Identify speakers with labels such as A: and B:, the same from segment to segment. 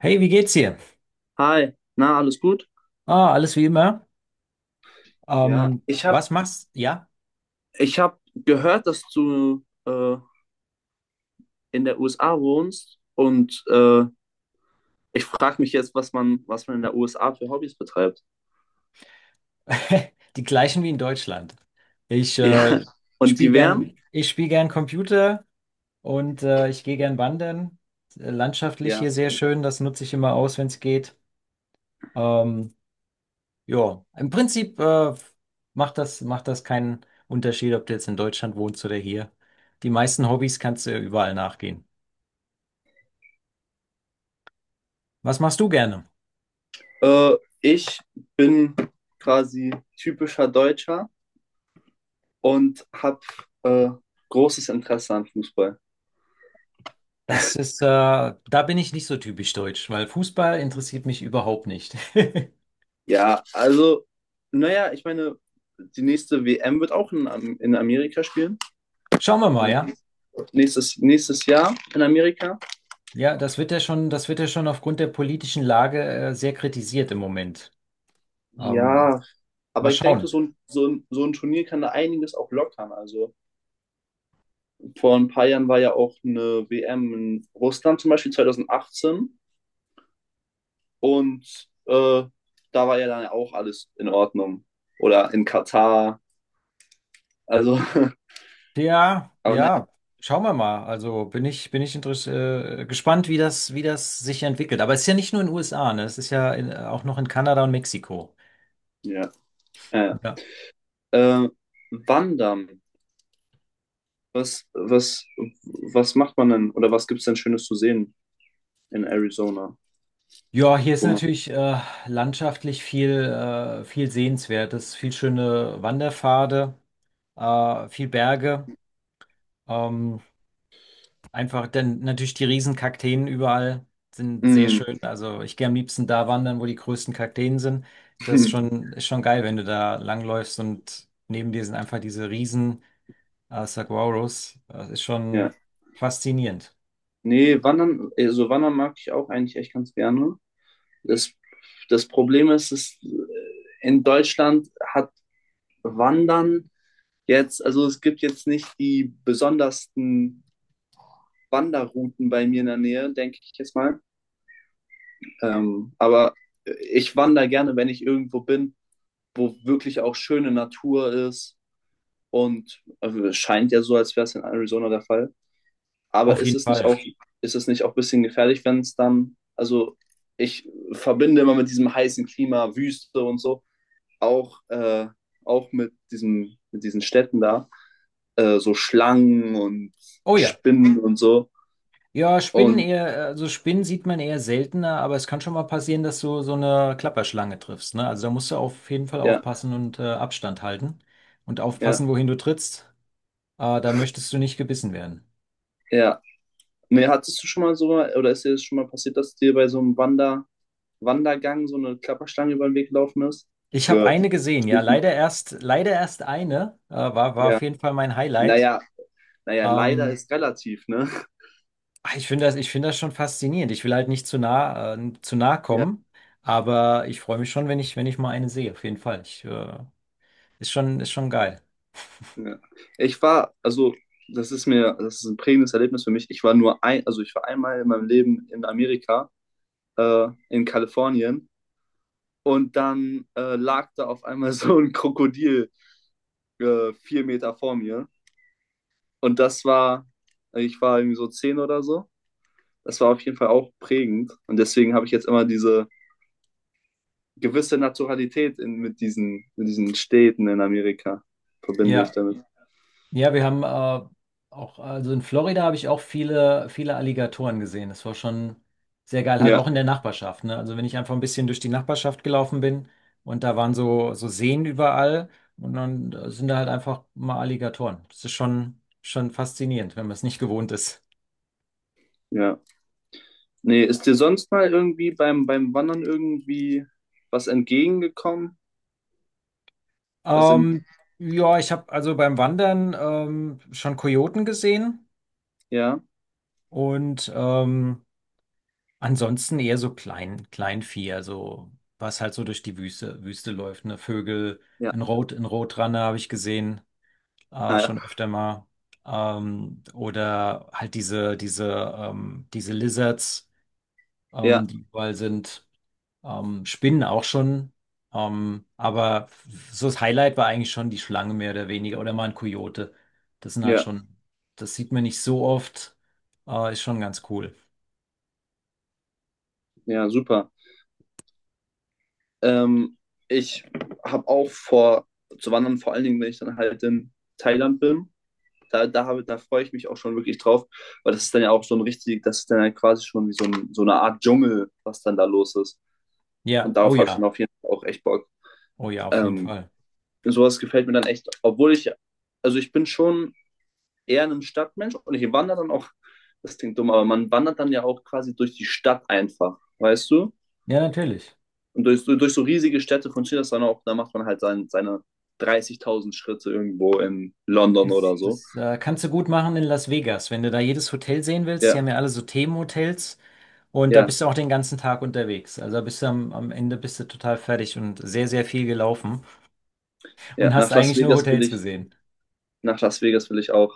A: Hey, wie geht's dir?
B: Hi, na, alles gut?
A: Ah, alles wie immer.
B: Ja, ich habe
A: Was machst? Ja,
B: Ich habe gehört, dass du in der USA wohnst und ich frage mich jetzt, was man in der USA für Hobbys betreibt.
A: Die gleichen wie in Deutschland. Ich
B: Ja, und die wären,
A: spiele gern Computer und ich gehe gern wandern. Landschaftlich
B: ja,
A: hier sehr schön, das nutze ich immer aus, wenn es geht. Ähm, ja, im Prinzip macht das keinen Unterschied, ob du jetzt in Deutschland wohnst oder hier. Die meisten Hobbys kannst du überall nachgehen. Was machst du gerne?
B: äh, ich bin quasi typischer Deutscher und habe äh, großes Interesse an Fußball.
A: Da bin ich nicht so typisch deutsch, weil Fußball interessiert mich überhaupt nicht.
B: Ja, also, naja, ich meine, die nächste WM wird auch in Amerika spielen.
A: Schauen wir mal, ja?
B: Nächst- nächstes Jahr in Amerika.
A: Ja, das wird ja schon aufgrund der politischen Lage, sehr kritisiert im Moment. Ähm,
B: Ja,
A: mal
B: aber ich denke,
A: schauen.
B: so ein Turnier kann da einiges auch lockern. Also vor ein paar Jahren war ja auch eine WM in Russland zum Beispiel 2018 und da war ja dann auch alles in Ordnung. Oder in Katar. Also,
A: Ja,
B: aber naja,
A: ja, schauen wir mal. Also bin ich interess gespannt, wie das sich entwickelt. Aber es ist ja nicht nur in den USA, ne? Es ist ja auch noch in Kanada und Mexiko.
B: ja. Ja.
A: Ja.
B: Ja. Wandern. Was, was, was macht man denn oder was gibt es denn Schönes zu sehen in Arizona?
A: Ja, hier ist
B: Wo man,
A: natürlich landschaftlich viel Sehenswertes, viel schöne Wanderpfade. Viel Berge. Ähm, einfach, denn natürlich die riesen Kakteen überall sind sehr
B: Mm.
A: schön. Also ich gehe am liebsten da wandern, wo die größten Kakteen sind. Das ist schon, ist schon geil, wenn du da langläufst und neben dir sind einfach diese riesen Saguaros. Das ist
B: Ja.
A: schon faszinierend.
B: Nee, wandern, also wandern mag ich auch eigentlich echt ganz gerne. Das, das Problem ist, dass in Deutschland hat Wandern jetzt, also es gibt jetzt nicht die besondersten Wanderrouten bei mir in der Nähe, denke ich jetzt mal. Aber ich wandere gerne, wenn ich irgendwo bin, wo wirklich auch schöne Natur ist. Und es scheint ja so, als wäre es in Arizona der Fall. Aber
A: Auf
B: ist
A: jeden
B: es nicht
A: Fall.
B: auch, ein bisschen gefährlich, wenn es dann, also ich verbinde immer mit diesem heißen Klima, Wüste und so, auch, äh, auch mit diesen Städten da, so Schlangen und
A: Oh ja.
B: Spinnen und so.
A: Ja, Spinnen
B: Und
A: eher, also Spinnen sieht man eher seltener, aber es kann schon mal passieren, dass du so eine Klapperschlange triffst, ne? Also da musst du auf jeden Fall
B: ja,
A: aufpassen und Abstand halten und
B: ja,
A: aufpassen, wohin du trittst. Da möchtest du nicht gebissen werden.
B: ja. Nee, hattest du schon mal so, oder ist dir das schon mal passiert, dass dir bei so einem Wandergang so eine Klapperschlange über den Weg gelaufen ist?
A: Ich habe eine gesehen, ja,
B: Geschlichen.
A: leider erst eine, war
B: Ja.
A: auf jeden Fall mein Highlight.
B: Naja, leider
A: Ähm,
B: ist relativ, ne?
A: ich finde das, schon faszinierend. Ich will halt nicht zu nah
B: Ja.
A: kommen, aber ich freue mich schon, wenn ich mal eine sehe, auf jeden Fall. Ist schon geil.
B: Ja. Ich war, also das ist mir, das ist ein prägendes Erlebnis für mich. Ich war nur ein, also ich war einmal in meinem Leben in Amerika, in Kalifornien, und dann lag da auf einmal so ein Krokodil 4 Meter vor mir. Und das war, ich war irgendwie so 10 oder so. Das war auf jeden Fall auch prägend. Und deswegen habe ich jetzt immer diese gewisse Naturalität mit diesen Städten in Amerika, verbinde ich
A: Ja.
B: damit.
A: Ja, wir haben auch, also in Florida habe ich auch viele Alligatoren gesehen. Das war schon sehr geil, halt auch
B: Ja,
A: in der Nachbarschaft, ne? Also wenn ich einfach ein bisschen durch die Nachbarschaft gelaufen bin und da waren so Seen überall und dann sind da halt einfach mal Alligatoren. Das ist schon faszinierend, wenn man es nicht gewohnt ist.
B: ja. Nee, ist dir sonst mal irgendwie beim Wandern irgendwie was entgegengekommen? Was in,
A: Ähm, ja, ich habe also beim Wandern schon Kojoten gesehen
B: ja,
A: und Ansonsten eher so Kleinvieh, also was halt so durch die Wüste läuft, ne? Vögel,
B: ja,
A: ein Rotranne habe ich gesehen,
B: ja,
A: schon öfter mal. Oder halt diese Lizards,
B: ja,
A: die überall sind. Spinnen auch schon. Aber so das Highlight war eigentlich schon die Schlange mehr oder weniger. Oder mal ein Kojote. Das sind halt
B: ja,
A: schon, das sieht man nicht so oft. Ist schon ganz cool.
B: ja, super. Ähm, ich habe auch vor zu wandern, vor allen Dingen, wenn ich dann halt in Thailand bin. Da freue ich mich auch schon wirklich drauf, weil das ist dann ja auch so ein richtig, das ist dann ja quasi schon wie so eine Art Dschungel, was dann da los ist.
A: Ja,
B: Und
A: oh
B: darauf habe ich dann
A: ja,
B: auf jeden Fall auch echt Bock.
A: oh ja, auf jeden
B: Ähm,
A: Fall.
B: sowas gefällt mir dann echt, obwohl ich, also ich bin schon eher ein Stadtmensch und ich wandere dann auch, das klingt dumm, aber man wandert dann ja auch quasi durch die Stadt einfach, weißt du?
A: Ja, natürlich.
B: Und durch so riesige Städte funktioniert das dann auch, da macht man halt seine 30.000 Schritte irgendwo in London
A: Das,
B: oder so.
A: das äh, kannst du gut machen in Las Vegas, wenn du da jedes Hotel sehen willst. Die
B: Ja,
A: haben ja alle so Themenhotels und da
B: ja,
A: bist du auch den ganzen Tag unterwegs. Also da bist du am Ende bist du total fertig und sehr, sehr viel gelaufen
B: ja.
A: und hast
B: Nach Las
A: eigentlich nur
B: Vegas will
A: Hotels
B: ich,
A: gesehen.
B: nach Las Vegas will ich auch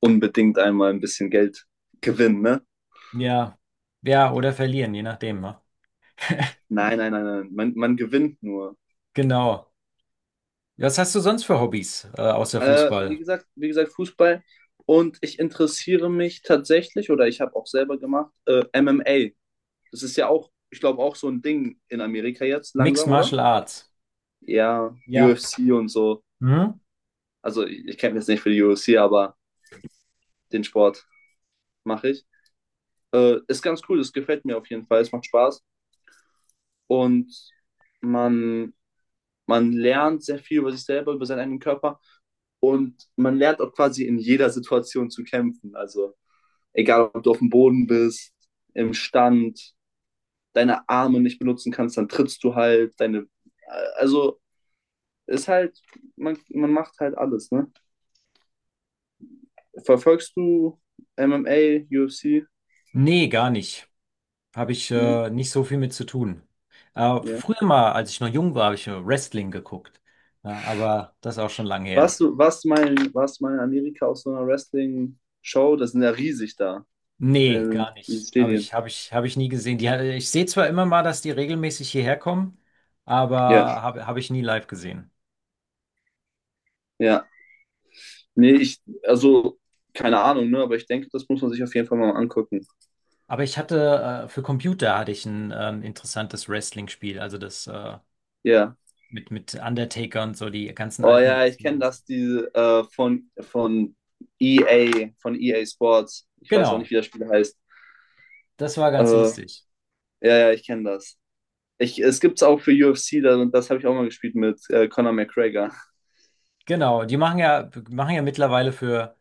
B: unbedingt einmal ein bisschen Geld gewinnen, ne?
A: Ja, ja, oder verlieren, je nachdem. Ne?
B: Nein, nein, nein, nein. Man gewinnt nur.
A: Genau. Was hast du sonst für Hobbys außer
B: Wie
A: Fußball?
B: gesagt, Fußball. Und ich interessiere mich tatsächlich, oder ich habe auch selber gemacht, MMA. Das ist ja auch, ich glaube, auch so ein Ding in Amerika jetzt
A: Mixed
B: langsam, oder?
A: Martial Arts.
B: Ja,
A: Ja.
B: UFC und so.
A: Hm?
B: Also ich kenne jetzt nicht für die UFC, aber den Sport mache ich. Ist ganz cool, das gefällt mir auf jeden Fall, es macht Spaß. Und man, man lernt sehr viel über sich selber, über seinen eigenen Körper. Und man lernt auch quasi in jeder Situation zu kämpfen. Also egal, ob du auf dem Boden bist, im Stand, deine Arme nicht benutzen kannst, dann trittst du halt, deine, also ist halt, man macht halt alles, ne? Verfolgst du MMA, UFC?
A: Nee, gar nicht. Habe ich
B: Ne?
A: nicht so viel mit zu tun. Äh,
B: Ja.
A: früher mal, als ich noch jung war, habe ich Wrestling geguckt. Ja, aber das ist auch schon lange her.
B: Warst du mal in Amerika auf so einer Wrestling-Show? Das sind ja riesig da,
A: Nee,
B: äh,
A: gar
B: diese
A: nicht. Habe
B: Stadien.
A: ich, habe ich, habe ich nie gesehen. Ich sehe zwar immer mal, dass die regelmäßig hierher kommen, aber
B: Ja,
A: habe ich nie live gesehen.
B: ja. Nee, ich, also, keine Ahnung, ne? Aber ich denke, das muss man sich auf jeden Fall mal angucken.
A: Aber ich hatte, für Computer hatte ich ein interessantes Wrestling-Spiel, also das
B: Ja.
A: mit Undertaker und so, die ganzen
B: Oh
A: alten
B: ja, ich kenne
A: Wrestling.
B: das, diese von EA, von EA Sports. Ich weiß auch
A: Genau,
B: nicht, wie das Spiel heißt.
A: das war ganz
B: Äh,
A: lustig.
B: ja, ja, ich kenne das. Ich, es gibt es auch für UFC, das habe ich auch mal gespielt mit Conor McGregor.
A: Genau, die machen ja, mittlerweile für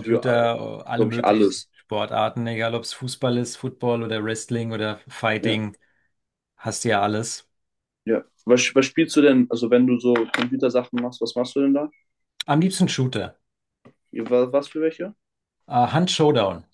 B: Für,
A: alle
B: glaube ich,
A: möglichen
B: alles.
A: Sportarten, egal ob es Fußball ist, Football oder Wrestling oder
B: Ja.
A: Fighting, hast du ja alles.
B: Ja. Was spielst du denn, also wenn du so Computersachen machst, was machst du denn da?
A: Am liebsten Shooter.
B: Was für welche?
A: Hunt Showdown.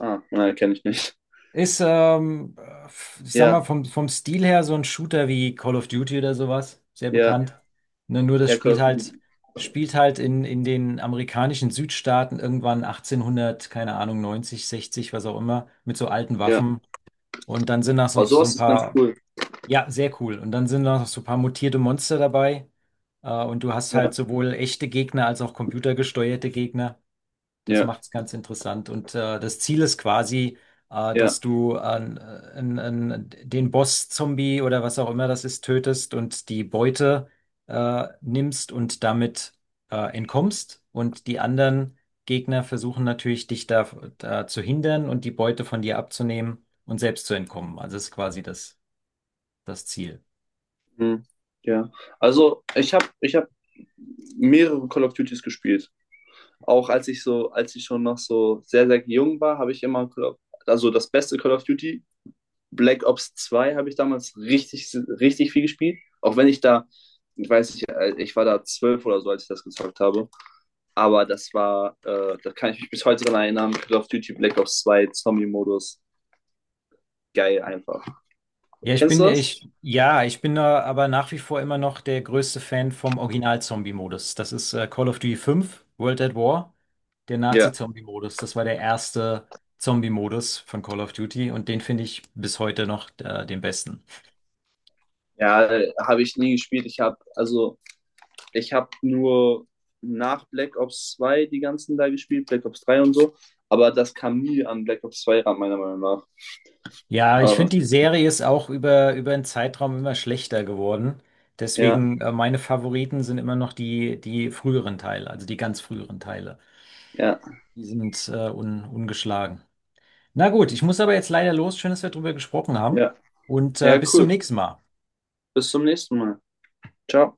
B: Ah, nein, kenne ich nicht.
A: Ist, ähm, ich sag mal,
B: Ja,
A: vom Stil her so ein Shooter wie Call of Duty oder sowas, sehr
B: ja,
A: bekannt. Ja. Ne, nur das
B: ja, Call of Duty.
A: spielt halt in den amerikanischen Südstaaten irgendwann 1800, keine Ahnung, 90, 60, was auch immer, mit so alten
B: Ja.
A: Waffen. Und dann sind das noch
B: Aber
A: so ein
B: sowas ist ganz
A: paar,
B: cool.
A: ja, sehr cool. Und dann sind da noch so ein paar mutierte Monster dabei. Und du hast halt
B: Ja,
A: sowohl echte Gegner als auch computergesteuerte Gegner. Das
B: ja,
A: macht es ganz interessant. Und das Ziel ist quasi,
B: ja.
A: dass du an den Boss-Zombie oder was auch immer das ist, tötest und die Beute nimmst und damit entkommst. Und die anderen Gegner versuchen natürlich, dich da zu hindern und die Beute von dir abzunehmen und selbst zu entkommen. Also ist quasi das Ziel.
B: Mhm. Ja. Also ich hab mehrere Call of Duties gespielt. Auch als ich schon noch so sehr, sehr jung war, habe ich immer also das beste Call of Duty Black Ops zwei habe ich damals richtig, richtig viel gespielt. Auch wenn ich da, ich weiß nicht, ich war da 12 oder so, als ich das gezockt habe. Aber das war, da kann ich mich bis heute dran erinnern, Call of Duty Black Ops zwei Zombie-Modus. Geil einfach.
A: Ja,
B: Kennst du das?
A: ja, ich bin da aber nach wie vor immer noch der größte Fan vom Original-Zombie-Modus. Das ist Call of Duty 5 World at War, der
B: Ja.
A: Nazi-Zombie-Modus. Das war der erste Zombie-Modus von Call of Duty und den finde ich bis heute noch den besten.
B: Ja, habe ich nie gespielt. Ich habe, also, ich habe nur nach Black Ops 2 die ganzen da gespielt, Black Ops 3 und so. Aber das kam nie an Black Ops 2 ran, meiner Meinung nach.
A: Ja, ich
B: Aber,
A: finde, die Serie ist auch über einen Zeitraum immer schlechter geworden.
B: ja,
A: Deswegen, meine Favoriten sind immer noch die früheren Teile, also die ganz früheren Teile.
B: ja,
A: Die sind ungeschlagen. Na gut, ich muss aber jetzt leider los. Schön, dass wir drüber gesprochen haben.
B: ja.
A: Und
B: Ja,
A: bis zum
B: cool.
A: nächsten Mal.
B: Bis zum nächsten Mal. Ciao.